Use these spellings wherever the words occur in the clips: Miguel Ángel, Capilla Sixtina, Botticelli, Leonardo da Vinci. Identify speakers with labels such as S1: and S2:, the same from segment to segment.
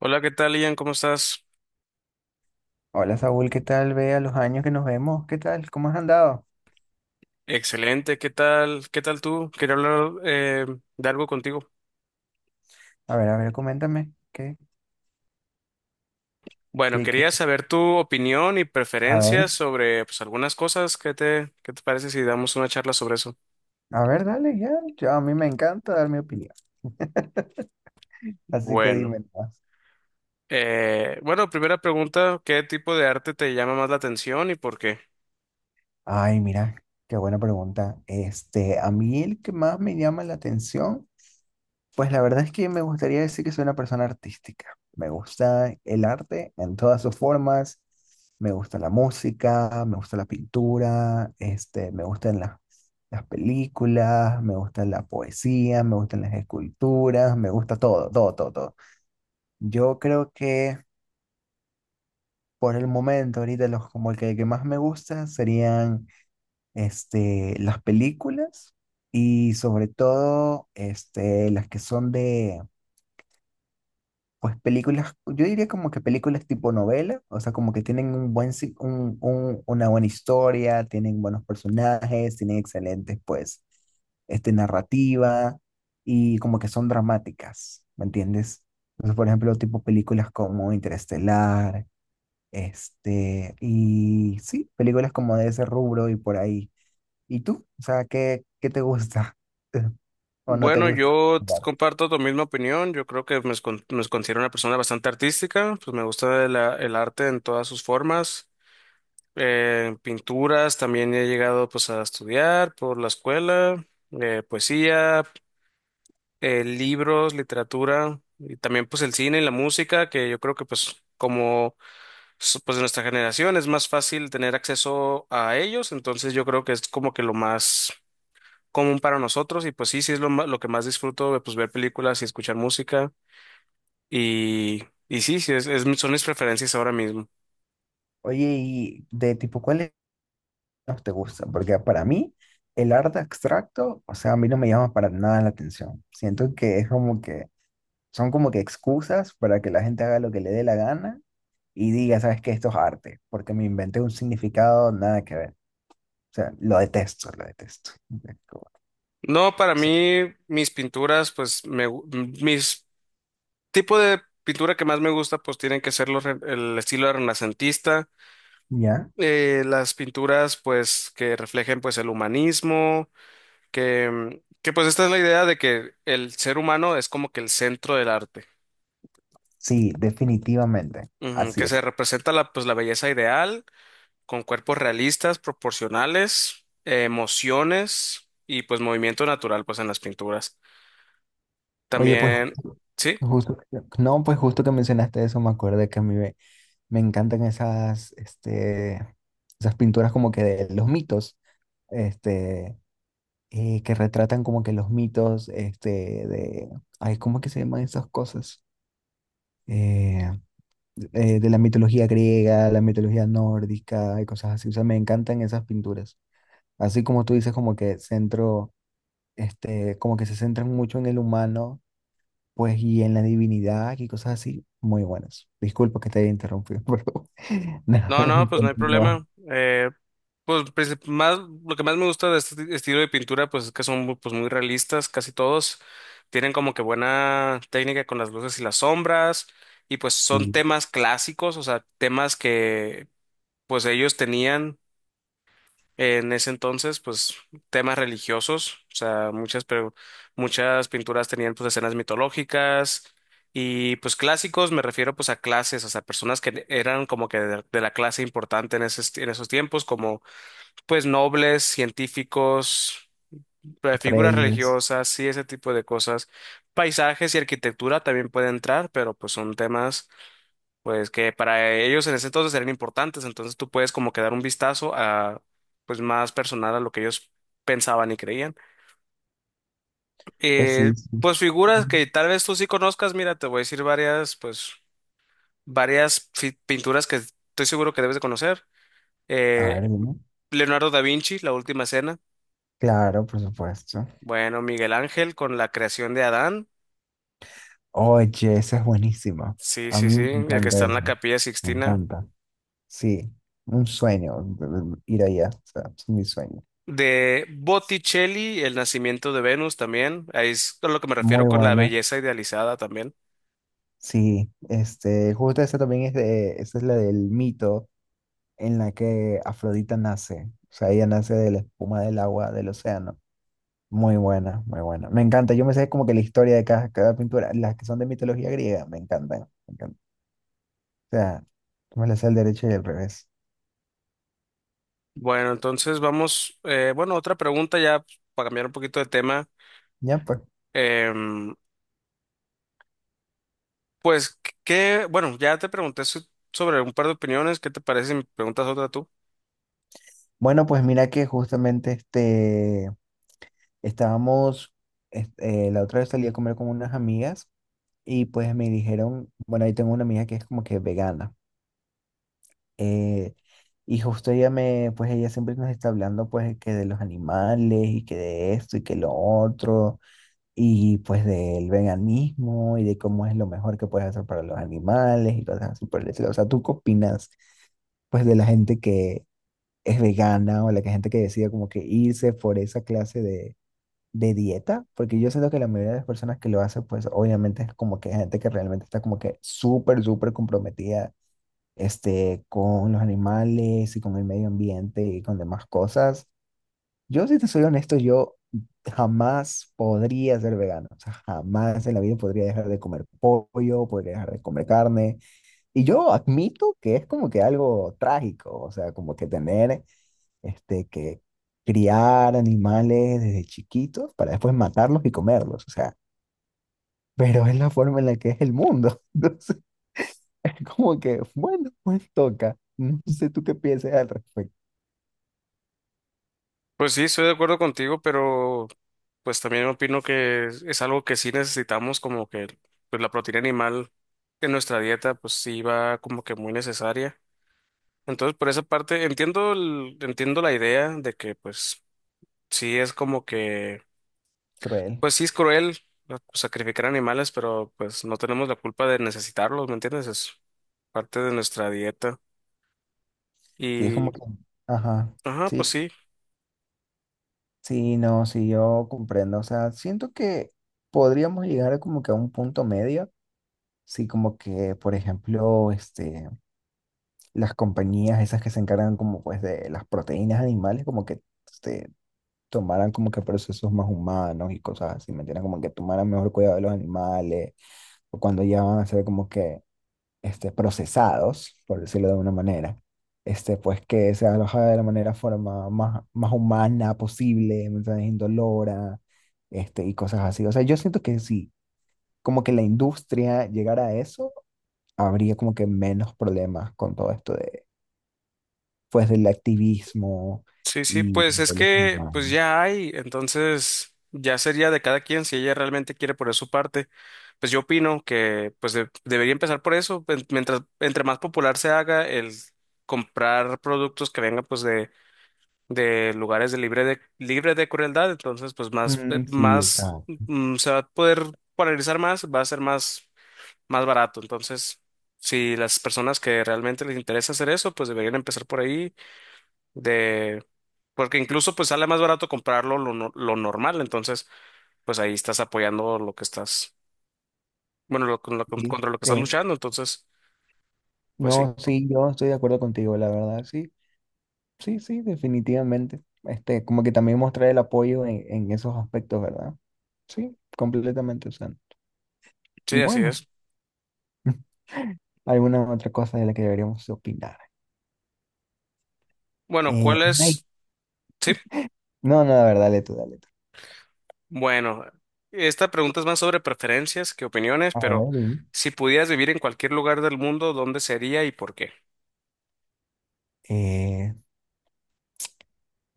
S1: Hola, ¿qué tal, Ian? ¿Cómo estás?
S2: Hola Saúl, ¿qué tal? Ve a los años que nos vemos, ¿qué tal? ¿Cómo has andado?
S1: Excelente, ¿qué tal? ¿Qué tal tú? Quería hablar de algo contigo.
S2: A ver, coméntame. ¿Qué?
S1: Bueno,
S2: Sí, ¿qué?
S1: quería saber tu opinión y
S2: A ver,
S1: preferencias sobre pues, algunas cosas. ¿Qué te parece si damos una charla sobre eso?
S2: a ver, dale, ya. A mí me encanta dar mi opinión. Así que dime
S1: Bueno,
S2: más.
S1: bueno, primera pregunta, ¿qué tipo de arte te llama más la atención y por qué?
S2: Ay, mira, qué buena pregunta. A mí el que más me llama la atención. Pues la verdad es que me gustaría decir que soy una persona artística. Me gusta el arte en todas sus formas. Me gusta la música, me gusta la pintura, me gustan las películas, me gusta la poesía, me gustan las esculturas, me gusta todo, todo, todo, todo. Yo creo que por el momento, ahorita los como que más me gusta serían las películas, y sobre todo las que son de... Pues películas, yo diría como que películas tipo novela, o sea, como que tienen un buen, una buena historia, tienen buenos personajes, tienen excelentes, pues, narrativa, y como que son dramáticas, ¿me entiendes? Entonces, por ejemplo, tipo películas como Interestelar, y sí, películas como de ese rubro y por ahí. ¿Y tú? O sea, ¿qué, qué te gusta? ¿O no te
S1: Bueno,
S2: gusta?
S1: comparto tu misma opinión. Yo creo que me considero una persona bastante artística. Pues me gusta el arte en todas sus formas. Pinturas también he llegado pues a estudiar por la escuela, poesía, libros, literatura y también pues el cine y la música, que yo creo que pues como pues de nuestra generación es más fácil tener acceso a ellos, entonces yo creo que es como que lo más común para nosotros. Y pues sí, sí es lo que más disfruto, pues ver películas y escuchar música y, y sí, sí es, son mis preferencias ahora mismo.
S2: Oye, y de tipo, ¿cuál no te gusta? Porque para mí el arte abstracto, o sea, a mí no me llama para nada la atención. Siento que es como que son como que excusas para que la gente haga lo que le dé la gana y diga, ¿sabes qué? Esto es arte, porque me inventé un significado nada que ver. O sea, lo detesto, lo detesto. Es como-
S1: No, para mí mis pinturas, pues me, gu- mis tipo de pintura que más me gusta, pues tienen que ser el estilo renacentista,
S2: ¿Ya?
S1: las pinturas, pues, que reflejen, pues, el humanismo, que, que, pues, esta es la idea de que el ser humano es como que el centro del arte.
S2: Sí, definitivamente.
S1: Ujú,
S2: Así
S1: que se
S2: es.
S1: representa la, pues, la belleza ideal con cuerpos realistas, proporcionales, emociones y, pues, movimiento natural, pues, en las pinturas.
S2: Oye, pues
S1: También, ¿sí?
S2: justo, no, pues justo que mencionaste eso, me acordé que a mí me encantan esas, esas pinturas como que de los mitos, este, que retratan como que los mitos, de, ay, ¿cómo es que se llaman esas cosas? Eh, de la mitología griega, la mitología nórdica y cosas así. O sea, me encantan esas pinturas. Así como tú dices, como que centro, como que se centran mucho en el humano, pues, y en la divinidad y cosas así. Muy buenas. Disculpa que te haya interrumpido, pero nada,
S1: No, no, pues no hay
S2: continúa.
S1: problema. Pues más, lo que más me gusta de este estilo de pintura, pues es que son muy, pues, muy realistas, casi todos. Tienen como que buena técnica con las luces y las sombras. Y pues son
S2: Sí,
S1: temas clásicos, o sea, temas que pues ellos tenían. En ese entonces, pues temas religiosos, o sea, muchas, pero muchas pinturas tenían pues escenas mitológicas. Y pues clásicos, me refiero pues a clases, o sea, personas que eran como que de la clase importante en en esos tiempos, como pues nobles, científicos, figuras
S2: Reyes.
S1: religiosas, sí, ese tipo de cosas. Paisajes y arquitectura también puede entrar, pero pues son temas pues que para ellos en ese entonces eran importantes, entonces tú puedes como que dar un vistazo a, pues más personal, a lo que ellos pensaban y creían.
S2: Pues
S1: Eh,
S2: sí, sí.
S1: pues figuras que tal vez tú sí conozcas, mira, te voy a decir varias, pues pinturas que estoy seguro que debes de conocer.
S2: A ver,
S1: Eh,
S2: dime.
S1: Leonardo da Vinci, La Última Cena.
S2: Claro, por supuesto.
S1: Bueno, Miguel Ángel con la creación de Adán.
S2: Oye, esa es buenísima.
S1: Sí,
S2: A
S1: sí,
S2: mí
S1: sí,
S2: me
S1: el que está
S2: encanta
S1: en la
S2: eso.
S1: Capilla
S2: Me
S1: Sixtina.
S2: encanta. Sí, un sueño ir allá. O sea, es mi sueño.
S1: De Botticelli, El nacimiento de Venus también. Ahí es a lo que me refiero
S2: Muy
S1: con la
S2: buena.
S1: belleza idealizada también.
S2: Sí, justo esa también es de, esa es la del mito en la que Afrodita nace. O sea, ella nace de la espuma del agua del océano. Muy buena, muy buena. Me encanta. Yo me sé como que la historia de cada, cada pintura, las que son de mitología griega, me encantan. Me encantan. O sea, yo me las sé al derecho y al revés.
S1: Bueno, entonces vamos, otra pregunta ya, para cambiar un poquito de tema.
S2: Ya, pues.
S1: Em, pues, ¿qué? Bueno, ya te pregunté sobre un par de opiniones. ¿Qué te parece si me preguntas otra tú?
S2: Bueno, pues mira que justamente estábamos, la otra vez salí a comer con unas amigas y pues me dijeron, bueno, ahí tengo una amiga que es como que vegana. eh, y justo ella me, pues ella siempre nos está hablando pues que de los animales y que de esto y que lo otro, y pues del veganismo y de cómo es lo mejor que puedes hacer para los animales y cosas así por el estilo. O sea, ¿tú qué opinas pues de la gente que es vegana o gente que decide como que irse por esa clase de dieta? Porque yo siento que la mayoría de las personas que lo hacen pues obviamente es como que gente que realmente está como que súper, súper comprometida, con los animales y con el medio ambiente y con demás cosas. Yo, si te soy honesto, yo jamás podría ser vegano. O sea, jamás en la vida podría dejar de comer pollo, podría dejar de comer carne. Y yo admito que es como que algo trágico, o sea, como que tener que criar animales desde chiquitos para después matarlos y comerlos. O sea, pero es la forma en la que es el mundo. Entonces, es como que, bueno, pues toca. No sé tú qué piensas al respecto.
S1: Pues sí, estoy de acuerdo contigo, pero pues también opino que es algo que sí necesitamos, como que pues, la proteína animal en nuestra dieta, pues sí va como que muy necesaria. Entonces, por esa parte, entiendo entiendo la idea de que, pues, sí es como que,
S2: Cruel.
S1: pues sí es cruel, ¿no?, sacrificar animales, pero pues no tenemos la culpa de necesitarlos, ¿me entiendes? Es parte de nuestra dieta.
S2: Sí, es como
S1: Y,
S2: que, ajá,
S1: ajá,
S2: sí,
S1: pues sí,
S2: sí, no, sí, yo comprendo. O sea, siento que podríamos llegar a como que a un punto medio. Sí, como que, por ejemplo, las compañías esas que se encargan como pues de las proteínas animales, como que este, tomaran como que procesos más humanos y cosas así, ¿me entiendes? Como que tomaran mejor cuidado de los animales, o cuando ya van a hacer como que procesados, por decirlo de una manera, pues que se aloja de la manera forma más, más humana posible, mensajes indolora, y cosas así. O sea, yo siento que si como que la industria llegara a eso, habría como que menos problemas con todo esto de, pues, del activismo
S1: sí, sí,
S2: y
S1: pues es
S2: de los
S1: que,
S2: humanos.
S1: pues ya hay, entonces ya sería de cada quien si ella realmente quiere poner su parte. Pues yo opino que, pues debería empezar por eso, pues, mientras, entre más popular se haga el comprar productos que vengan, pues, de lugares de libre de libre de crueldad, entonces pues más,
S2: Mm, sí,
S1: más,
S2: exacto.
S1: se va a poder polarizar más, va a ser más barato. Entonces, si las personas que realmente les interesa hacer eso, pues deberían empezar por ahí, de, porque incluso pues sale más barato comprarlo lo, no- lo normal, entonces pues ahí estás apoyando lo que estás,
S2: Sí,
S1: contra lo que estás
S2: sí.
S1: luchando, entonces pues sí.
S2: No, sí, yo estoy de acuerdo contigo, la verdad, sí. Sí, sí, definitivamente. Como que también mostrar el apoyo en esos aspectos, ¿verdad? Sí, completamente. O sea, y
S1: Sí, así
S2: bueno,
S1: es.
S2: alguna otra cosa de la que deberíamos opinar.
S1: Bueno,
S2: Eh,
S1: ¿cuál
S2: ay,
S1: es? Sí.
S2: no, no, la verdad, dale tú, dale tú.
S1: Bueno, esta pregunta es más sobre preferencias que opiniones,
S2: A
S1: pero
S2: ver, dime.
S1: si pudieras vivir en cualquier lugar del mundo, ¿dónde sería y por qué?
S2: eh,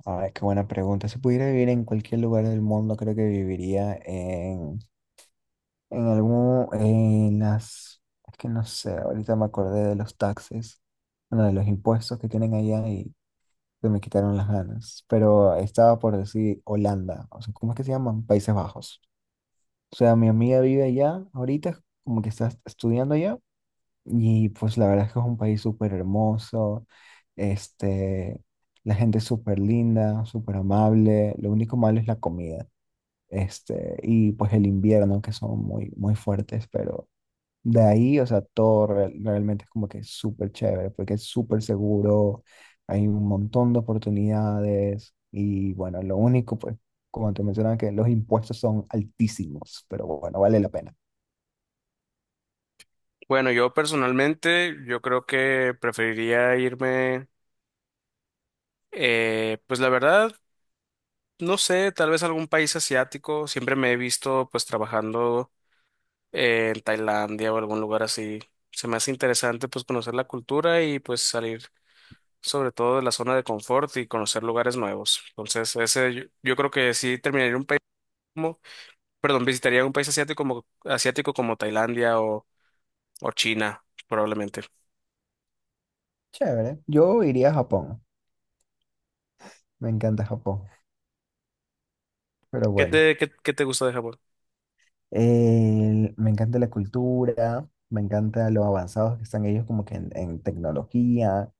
S2: a ver, qué buena pregunta. Si pudiera vivir en cualquier lugar del mundo, creo que viviría en algún, en las, es que no sé, ahorita me acordé de los taxes, bueno, de los impuestos que tienen allá, se me quitaron las ganas, pero estaba por decir Holanda, o sea, ¿cómo es que se llaman? Países Bajos. O sea, mi amiga vive allá ahorita, como que está estudiando allá, y pues la verdad es que es un país súper hermoso, este, la gente es súper linda, súper amable, lo único malo es la comida, y pues el invierno, que son muy, muy fuertes, pero... De ahí, o sea, todo realmente es como que es súper chévere, porque es súper seguro, hay un montón de oportunidades y bueno, lo único, pues, como te mencionaba, que los impuestos son altísimos, pero bueno, vale la pena.
S1: Bueno, yo personalmente, yo creo que preferiría irme, pues la verdad, no sé, tal vez algún país asiático. Siempre me he visto pues trabajando en Tailandia o algún lugar así. Se me hace interesante pues conocer la cultura y pues salir sobre todo de la zona de confort y conocer lugares nuevos. Entonces, ese, yo creo que sí terminaría en un país, perdón, visitaría un país asiático como Tailandia o China, probablemente.
S2: Chévere, yo iría a Japón, me encanta Japón, pero bueno,
S1: ¿Qué te gusta de Japón?
S2: me encanta la cultura, me encanta lo avanzados que están ellos como que en tecnología,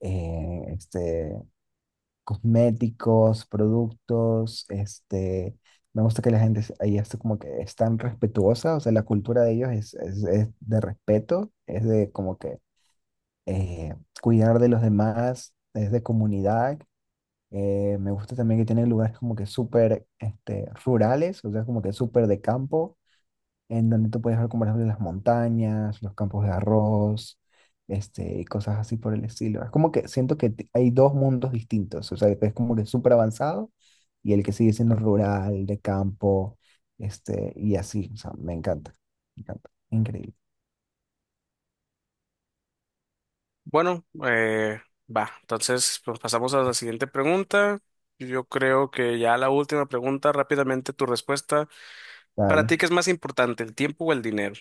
S2: eh, este, cosméticos, productos, me gusta que ahí está como que es tan respetuosa, o sea, la cultura de ellos es de respeto, es de como que eh, cuidar de los demás, es de comunidad. Me gusta también que tienen lugares como que súper rurales, o sea, como que súper de campo, en donde tú puedes ver, como por ejemplo, las montañas, los campos de arroz, y cosas así por el estilo. Es como que siento que hay dos mundos distintos, o sea, es como que súper avanzado y el que sigue siendo rural, de campo, y así, o sea, me encanta, increíble.
S1: Bueno, va, entonces pues, pasamos a la siguiente pregunta. Yo creo que ya la última pregunta, rápidamente tu respuesta. ¿Para
S2: Dale,
S1: ti qué es más importante, el tiempo o el dinero?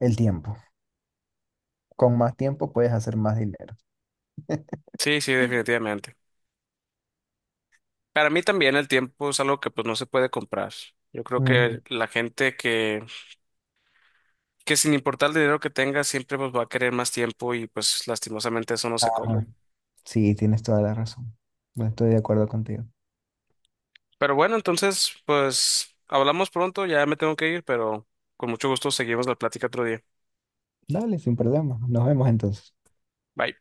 S2: el tiempo. Con más tiempo puedes hacer más dinero.
S1: Sí, sí, definitivamente. Para mí también el tiempo es algo que pues no se puede comprar. Yo creo que
S2: Ujú.
S1: la gente que sin importar el dinero que tenga siempre pues va a querer más tiempo y pues lastimosamente eso no se compra.
S2: Ajá. Sí, tienes toda la razón. No, estoy de acuerdo contigo.
S1: Pero bueno, entonces, pues hablamos pronto, ya me tengo que ir, pero con mucho gusto seguimos la plática otro día.
S2: Dale, sin problema. Nos vemos entonces.
S1: Bye.